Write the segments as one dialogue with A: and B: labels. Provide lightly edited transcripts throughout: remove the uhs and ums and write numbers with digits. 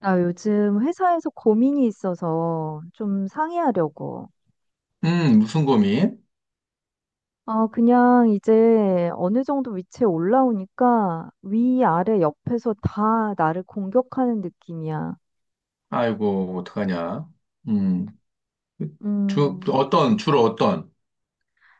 A: 나 요즘 회사에서 고민이 있어서 좀 상의하려고.
B: 무슨 고민?
A: 아, 그냥 이제 어느 정도 위치에 올라오니까 위, 아래, 옆에서 다 나를 공격하는 느낌이야.
B: 아이고, 어떡하냐. 음.
A: 음,
B: 주로 어떤?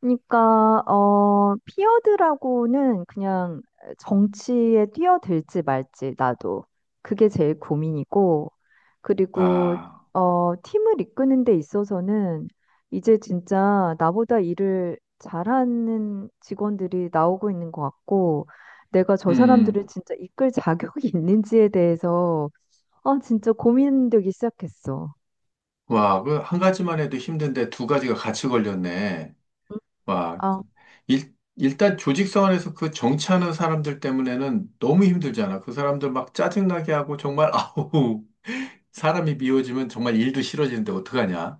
A: 그러니까 피어드라고는 그냥 정치에 뛰어들지 말지 나도 그게 제일 고민이고, 그리고
B: 아.
A: 팀을 이끄는 데 있어서는 이제 진짜 나보다 일을 잘하는 직원들이 나오고 있는 것 같고, 내가 저
B: 음.
A: 사람들을 진짜 이끌 자격이 있는지에 대해서 아 진짜 고민되기 시작했어.
B: 와, 한 가지만 해도 힘든데 두 가지가 같이 걸렸네. 와.
A: 아,
B: 일단 조직 생활에서 그 정치하는 사람들 때문에는 너무 힘들잖아. 그 사람들 막 짜증나게 하고 정말, 아우, 사람이 미워지면 정말 일도 싫어지는데 어떡하냐.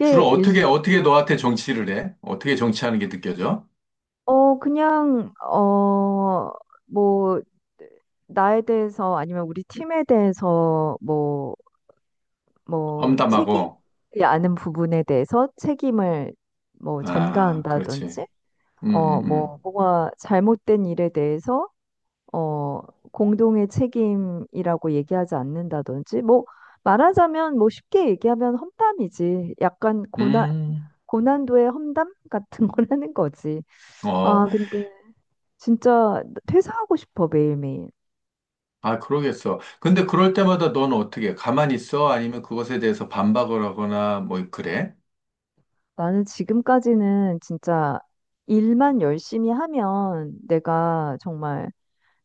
B: 주로 어떻게 너한테 정치를 해? 어떻게 정치하는 게 느껴져?
A: 그냥, 뭐, 나에 대해서 아니면 우리 팀에 대해서 뭐, 뭐, 책임이
B: 험담하고.
A: 아는 부분에 대해서 책임을 뭐
B: 아, 그렇지.
A: 전가한다든지,
B: 음, 음, 음.
A: 뭐, 뭐가 잘못된 일에 대해서, 어, 공동의 책임이라고 얘기하지 않는다든지, 뭐, 말하자면 뭐 쉽게 얘기하면 험담이지.
B: 음,
A: 고난도의 험담 같은 걸 하는 거지.
B: 어,
A: 아, 근데 진짜 퇴사하고 싶어, 매일매일.
B: 그러겠어. 근데 그럴 때마다 넌 어떻게, 해? 가만히 있어? 아니면 그것에 대해서 반박을 하거나, 뭐, 그래?
A: 나는 지금까지는 진짜 일만 열심히 하면 내가 정말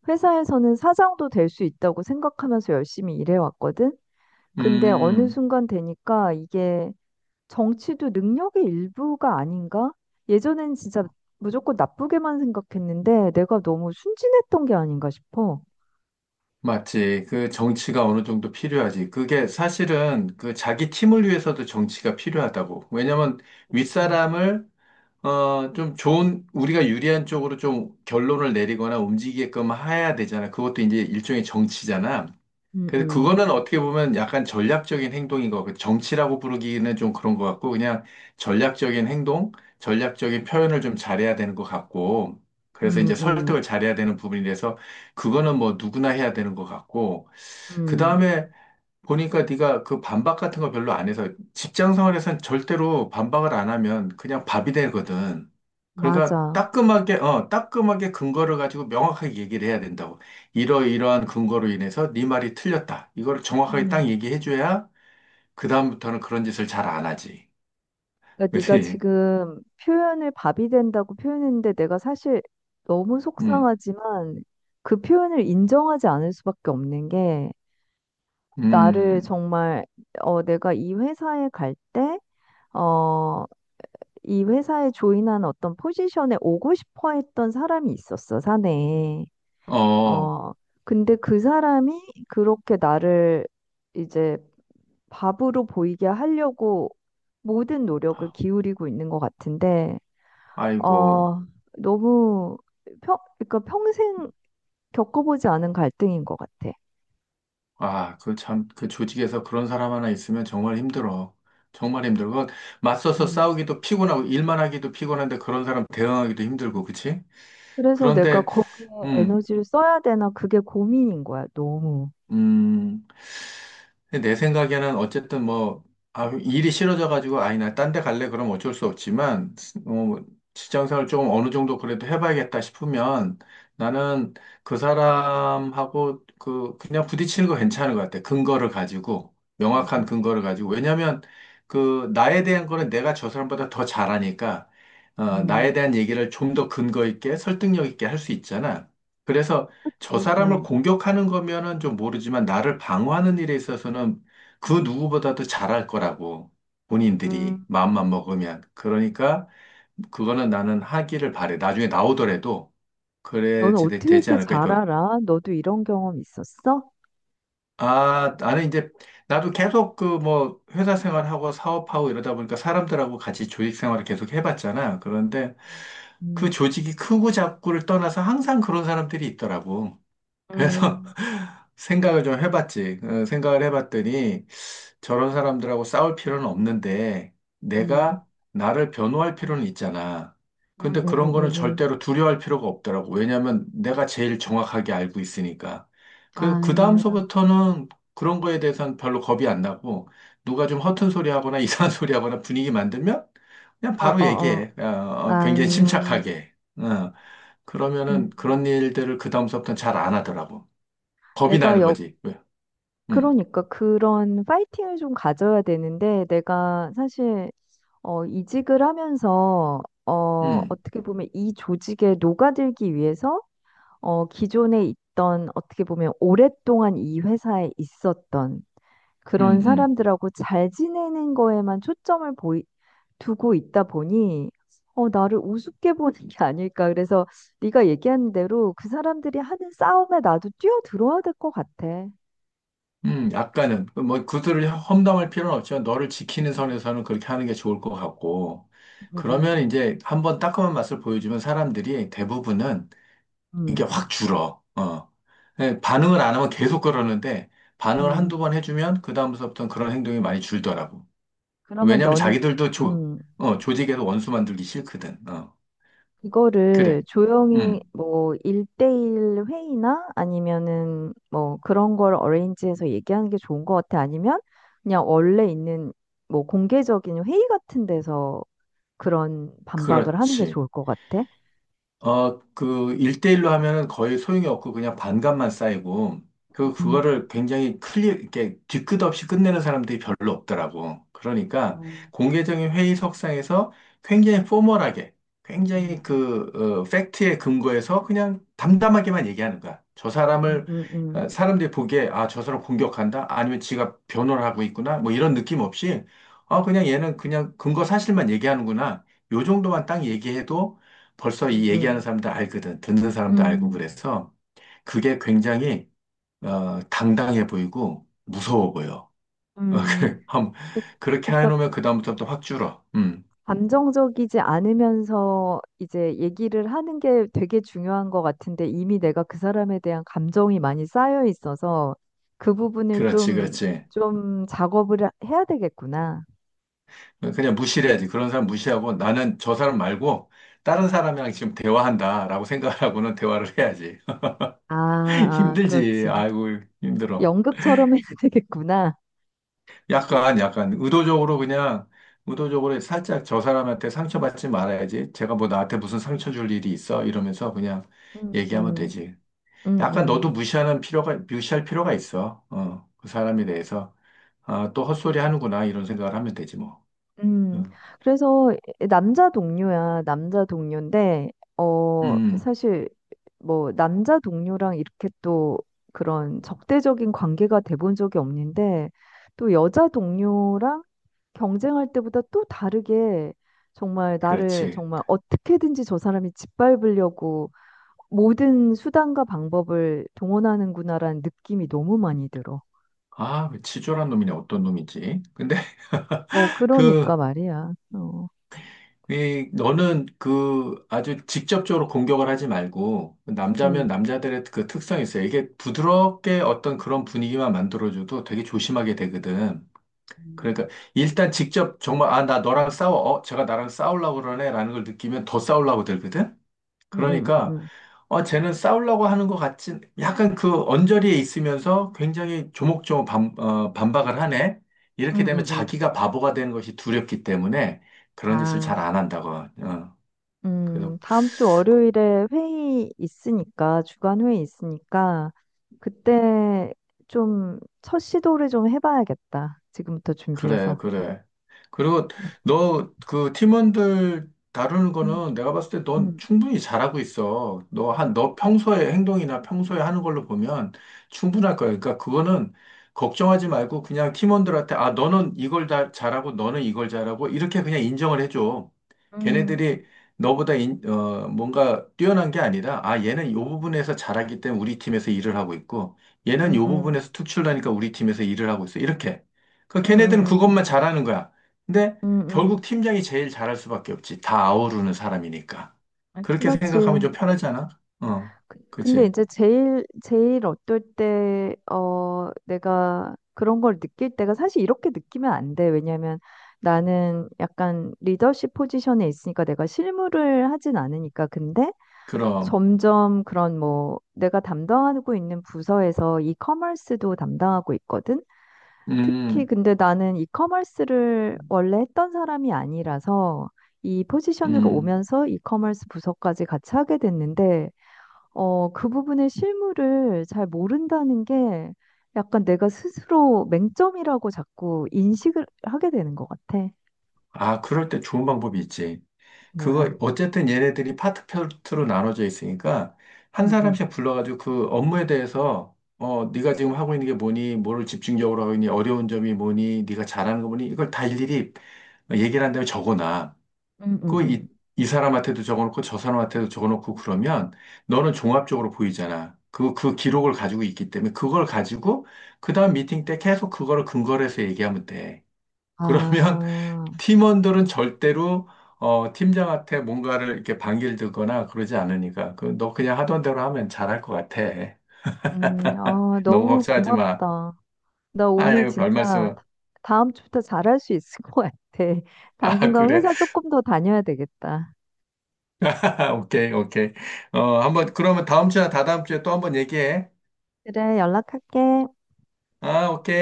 A: 회사에서는 사장도 될 수 있다고 생각하면서 열심히 일해왔거든? 근데 어느
B: 음.
A: 순간 되니까 이게 정치도 능력의 일부가 아닌가? 예전엔 진짜 무조건 나쁘게만 생각했는데 내가 너무 순진했던 게 아닌가 싶어.
B: 맞지. 그 정치가 어느 정도 필요하지. 그게 사실은 그 자기 팀을 위해서도 정치가 필요하다고. 왜냐면
A: 음.
B: 윗사람을, 좀 좋은, 우리가 유리한 쪽으로 좀 결론을 내리거나 움직이게끔 해야 되잖아. 그것도 이제 일종의 정치잖아.
A: 음,
B: 그래서
A: 음,
B: 그거는 어떻게 보면 약간 전략적인 행동인 거, 정치라고 부르기는 좀 그런 것 같고, 그냥 전략적인 행동, 전략적인 표현을 좀 잘해야 되는 것 같고, 그래서
A: 음,
B: 이제
A: 음,
B: 설득을 잘해야 되는 부분이 돼서, 그거는 뭐 누구나 해야 되는 것 같고, 그
A: 음,
B: 다음에 보니까 네가 그 반박 같은 거 별로 안 해서 직장 생활에선 절대로 반박을 안 하면 그냥 밥이 되거든. 그러니까
A: 맞아.
B: 따끔하게 근거를 가지고 명확하게 얘기를 해야 된다고. 이러이러한 근거로 인해서 네 말이 틀렸다. 이걸 정확하게 딱 얘기해 줘야 그다음부터는 그런 짓을 잘 안 하지.
A: 그러니까 네가
B: 그렇지?
A: 지금 표현을 밥이 된다고 표현했는데, 내가 사실 너무
B: 음.
A: 속상하지만 그 표현을 인정하지 않을 수밖에 없는 게, 나를
B: 음.
A: 정말 내가 이 회사에 갈 때 어 이 회사에 조인한 어떤 포지션에 오고 싶어 했던 사람이 있었어, 사내에.
B: 어.
A: 어 근데 그 사람이 그렇게 나를 이제 밥으로 보이게 하려고 모든 노력을 기울이고 있는 것 같은데,
B: 아이고.
A: 어, 너무 그러니까 평생 겪어보지 않은 갈등인 것 같아.
B: 아, 그 참, 그 조직에서 그런 사람 하나 있으면 정말 힘들어. 정말 힘들어. 그거 맞서서
A: 음,
B: 싸우기도 피곤하고, 일만 하기도 피곤한데 그런 사람 대응하기도 힘들고, 그치?
A: 그래서 내가
B: 그런데,
A: 거기에
B: 음,
A: 에너지를 써야 되나, 그게 고민인 거야, 너무.
B: 음, 근데 내 생각에는 어쨌든 뭐, 아, 일이 싫어져가지고, 아이, 나 딴 데 갈래? 그럼 어쩔 수 없지만, 어, 직장생활 조금 어느 정도 그래도 해봐야겠다 싶으면 나는 그 사람하고 그냥 부딪히는 거 괜찮은 것 같아. 근거를 가지고,
A: 음,
B: 명확한 근거를 가지고. 왜냐면 나에 대한 거는 내가 저 사람보다 더 잘하니까, 나에
A: 음,
B: 대한 얘기를 좀 더 근거 있게 설득력 있게 할 수 있잖아. 그래서 저
A: 그치?
B: 사람을
A: 음.
B: 공격하는 거면은 좀 모르지만 나를 방어하는 일에 있어서는 그 누구보다도 잘할 거라고
A: 음,
B: 본인들이
A: 음,
B: 마음만 먹으면 그러니까 그거는 나는 하기를 바래 나중에 나오더라도
A: 너는
B: 그래야지
A: 어떻게
B: 되지
A: 이렇게
B: 않을까
A: 잘
B: 싶어요.
A: 알아? 너도 이런 경험 있었어?
B: 나는 이제 나도 계속 그 뭐 회사 생활하고 사업하고 이러다 보니까 사람들하고 같이 조직 생활을 계속 해봤잖아. 그런데 그
A: 음,
B: 조직이 크고 작고를 떠나서 항상 그런 사람들이 있더라고. 그래서
A: 음,
B: 생각을 좀 해봤지. 생각을 해봤더니 저런 사람들하고 싸울 필요는 없는데
A: 음,
B: 내가 나를 변호할 필요는 있잖아. 근데 그런 거는
A: 음.
B: 절대로 두려워할 필요가 없더라고. 왜냐면 내가 제일 정확하게 알고 있으니까. 그
A: 아,
B: 다음서부터는 그런 거에 대해서는 별로 겁이 안 나고 누가 좀 허튼 소리 하거나 이상한 소리 하거나 분위기 만들면 그냥
A: 어,
B: 바로
A: 어, 어.
B: 얘기해.
A: 아,
B: 굉장히 침착하게. 어,
A: 음.
B: 그러면은 그런 일들을 그 다음서부터는 잘 안 하더라고. 겁이
A: 내가
B: 나는
A: 역,
B: 거지. 왜? 음,
A: 그러니까 그런 파이팅을 좀 가져야 되는데, 내가 사실 이직을 하면서,
B: 음,
A: 어떻게 보면 이 조직에 녹아들기 위해서, 기존에 있던, 어떻게 보면 오랫동안 이 회사에 있었던
B: 음,
A: 그런
B: 음,
A: 사람들하고 잘 지내는 거에만 두고 있다 보니, 나를 우습게 보는 게 아닐까. 그래서 네가 얘기한 대로 그 사람들이 하는 싸움에 나도 뛰어들어야 될 것 같아.
B: 약간은. 그뭐 그들을 험담할 필요는 없지만 너를 지키는
A: 음,
B: 선에서는 그렇게 하는 게 좋을 것 같고.
A: 음,
B: 그러면
A: 음,
B: 이제 한번 따끔한 맛을 보여주면 사람들이 대부분은 이게
A: 음.
B: 확 줄어. 어. 네, 반응을 안 하면 계속 그러는데 반응을
A: 음.
B: 한두 번 해주면 그다음부터는 그런 행동이 많이 줄더라고.
A: 그러면
B: 왜냐면
A: 너는,
B: 자기들도
A: 음.
B: 조직에서 원수 만들기 싫거든. 어.
A: 이거를
B: 그래.
A: 조용히
B: 음.
A: 뭐 1대1 회의나 아니면은 뭐 그런 걸 어레인지해서 얘기하는 게 좋은 것 같아. 아니면 그냥 원래 있는 뭐 공개적인 회의 같은 데서 그런 반박을 하는 게
B: 그렇지.
A: 좋을 것 같아.
B: 일대일로 하면은 거의 소용이 없고 그냥 반감만 쌓이고,
A: 음,
B: 그거를 굉장히 클리어, 이렇게 뒤끝없이 끝내는 사람들이 별로 없더라고. 그러니까 공개적인 회의석상에서 굉장히 포멀하게, 굉장히 팩트에 근거해서 그냥 담담하게만 얘기하는 거야. 저
A: 음,
B: 사람을,
A: 음,
B: 사람들이 보기에, 아, 저 사람 공격한다? 아니면 지가 변호를 하고 있구나? 뭐 이런 느낌 없이, 아, 그냥 얘는 그냥 근거 사실만 얘기하는구나. 요 정도만 딱 얘기해도 벌써 이 얘기하는
A: 음,
B: 사람도 알거든. 듣는 사람도 알고
A: 음.
B: 그래서 그게 굉장히 당당해 보이고 무서워 보여.
A: 음,
B: 그래.
A: 그-
B: 그렇게
A: 그러니까
B: 해놓으면 그다음부터 또 확 줄어. 음.
A: 감정적이지 않으면서 이제 얘기를 하는 게 되게 중요한 것 같은데, 이미 내가 그 사람에 대한 감정이 많이 쌓여 있어서 그 부분을
B: 그렇지,
A: 좀,
B: 그렇지.
A: 작업을 해야 되겠구나.
B: 그냥 무시해야지. 그런 사람 무시하고 나는 저 사람 말고 다른 사람이랑 지금 대화한다라고 생각하고는 대화를 해야지.
A: 아, 아,
B: 힘들지.
A: 그렇지.
B: 아이고, 힘들어.
A: 연극처럼 해야 되겠구나.
B: 약간, 의도적으로 그냥, 의도적으로 살짝 저 사람한테 상처받지 말아야지. 제가 뭐 나한테 무슨 상처 줄 일이 있어? 이러면서 그냥
A: 음,
B: 얘기하면
A: 음,
B: 되지.
A: 음,
B: 약간 너도
A: 음.
B: 무시하는 필요가, 무시할 필요가 있어. 그 사람에 대해서. 아, 또 헛소리 하는구나. 이런 생각을 하면 되지 뭐.
A: 음,
B: 응.
A: 그래서 남자 동료인데,
B: 음, 음.
A: 사실 뭐 남자 동료랑 이렇게 또 그런 적대적인 관계가 돼본 적이 없는데, 또 여자 동료랑 경쟁할 때보다 또 다르게 정말 나를
B: 그렇지.
A: 정말 어떻게든지 저 사람이 짓밟으려고 모든 수단과 방법을 동원하는구나라는 느낌이 너무 많이 들어.
B: 아, 그 치졸한 놈이네. 어떤 놈이지? 근데
A: 그러니까
B: 그,
A: 말이야.
B: 너는 그 아주 직접적으로 공격을 하지 말고, 남자면
A: 음,
B: 남자들의 그 특성이 있어요. 이게 부드럽게 어떤 그런 분위기만 만들어줘도 되게 조심하게 되거든.
A: 음.
B: 그러니까 일단 직접 정말, 아, 나 너랑 싸워. 제가 나랑 싸우려고 그러네. 라는 걸 느끼면 더 싸우려고 들거든.
A: 음, 음,
B: 그러니까,
A: 음.
B: 쟤는 싸우려고 하는 것 같진, 약간 그 언저리에 있으면서 굉장히 조목조목 반박을 하네. 이렇게 되면
A: 응응응.
B: 자기가 바보가 되는 것이 두렵기 때문에 그런 짓을
A: 아,
B: 잘 안 한다고. 어. 그래서.
A: 다음 주 월요일에 회의 있으니까, 주간 회의 있으니까, 그때 좀 첫 시도를 좀 해봐야겠다. 지금부터
B: 그래,
A: 준비해서.
B: 그래. 그리고 너 그 팀원들 다루는
A: 음,
B: 거는 내가 봤을 때 넌
A: 음,
B: 충분히 잘하고 있어. 너 평소에 행동이나 평소에 하는 걸로 보면 충분할 거야. 그러니까 그거는 걱정하지 말고 그냥 팀원들한테 아, 너는 이걸 다 잘하고 너는 이걸 잘하고 이렇게 그냥 인정을 해줘.
A: 음,
B: 걔네들이 너보다 뭔가 뛰어난 게 아니라 아, 얘는 요 부분에서 잘하기 때문에 우리 팀에서 일을 하고 있고
A: 음,
B: 얘는
A: 음,
B: 요
A: 음,
B: 부분에서 특출나니까 우리 팀에서 일을 하고 있어. 이렇게. 그
A: 음,
B: 걔네들은
A: 음,
B: 그것만 잘하는 거야. 근데
A: 음, 음.
B: 결국 팀장이 제일 잘할 수밖에 없지. 다 아우르는 사람이니까.
A: 아,
B: 그렇게
A: 그렇지.
B: 생각하면 좀 편하잖아. 어.
A: 근데
B: 그치.
A: 이제 제일 어떨 때, 내가 그런 걸 느낄 때가 사실 이렇게 느끼면 안 돼. 왜냐면 나는 약간 리더십 포지션에 있으니까 내가 실무를 하진 않으니까. 근데
B: 그럼.
A: 점점 그런 뭐 내가 담당하고 있는 부서에서 이커머스도 담당하고 있거든. 특히
B: 음.
A: 근데 나는 이커머스를 원래 했던 사람이 아니라서 이 포지션으로
B: 음.
A: 오면서 이커머스 부서까지 같이 하게 됐는데, 그 부분의 실물을 잘 모른다는 게 약간 내가 스스로 맹점이라고 자꾸 인식을 하게 되는 것 같아.
B: 아, 그럴 때 좋은 방법이 있지. 그거,
A: 뭐야.
B: 어쨌든 얘네들이 파트별로 나눠져 있으니까, 한
A: 음, 음.
B: 사람씩 불러가지고 그 업무에 대해서, 네가 지금 하고 있는 게 뭐니, 뭐를 집중적으로 하고 있니, 어려운 점이 뭐니, 네가 잘하는 거 뭐니, 이걸 다 일일이 얘기를 한 다음에 적어놔.
A: 음, 음,
B: 그 이,
A: 음.
B: 이 사람한테도 적어놓고 저 사람한테도 적어놓고 그러면 너는 종합적으로 보이잖아. 그 기록을 가지고 있기 때문에 그걸 가지고 그 다음 미팅 때 계속 그거를 근거로 해서 얘기하면 돼. 그러면
A: 아,
B: 팀원들은 절대로 팀장한테 뭔가를 이렇게 반길들거나 그러지 않으니까 너 그냥 하던 대로 하면 잘할 것 같아.
A: 아,
B: 너무
A: 너무
B: 걱정하지 마.
A: 고맙다. 나 오늘
B: 아유, 별
A: 진짜
B: 말씀.
A: 다음 주부터 잘할 수 있을 것 같아.
B: 아,
A: 당분간
B: 그래.
A: 회사 조금 더 다녀야 되겠다.
B: 오케이, 오케이. 한번 그러면 다음 주나 다다음 주에 또 한번 얘기해.
A: 그래, 연락할게.
B: 아, 오케이.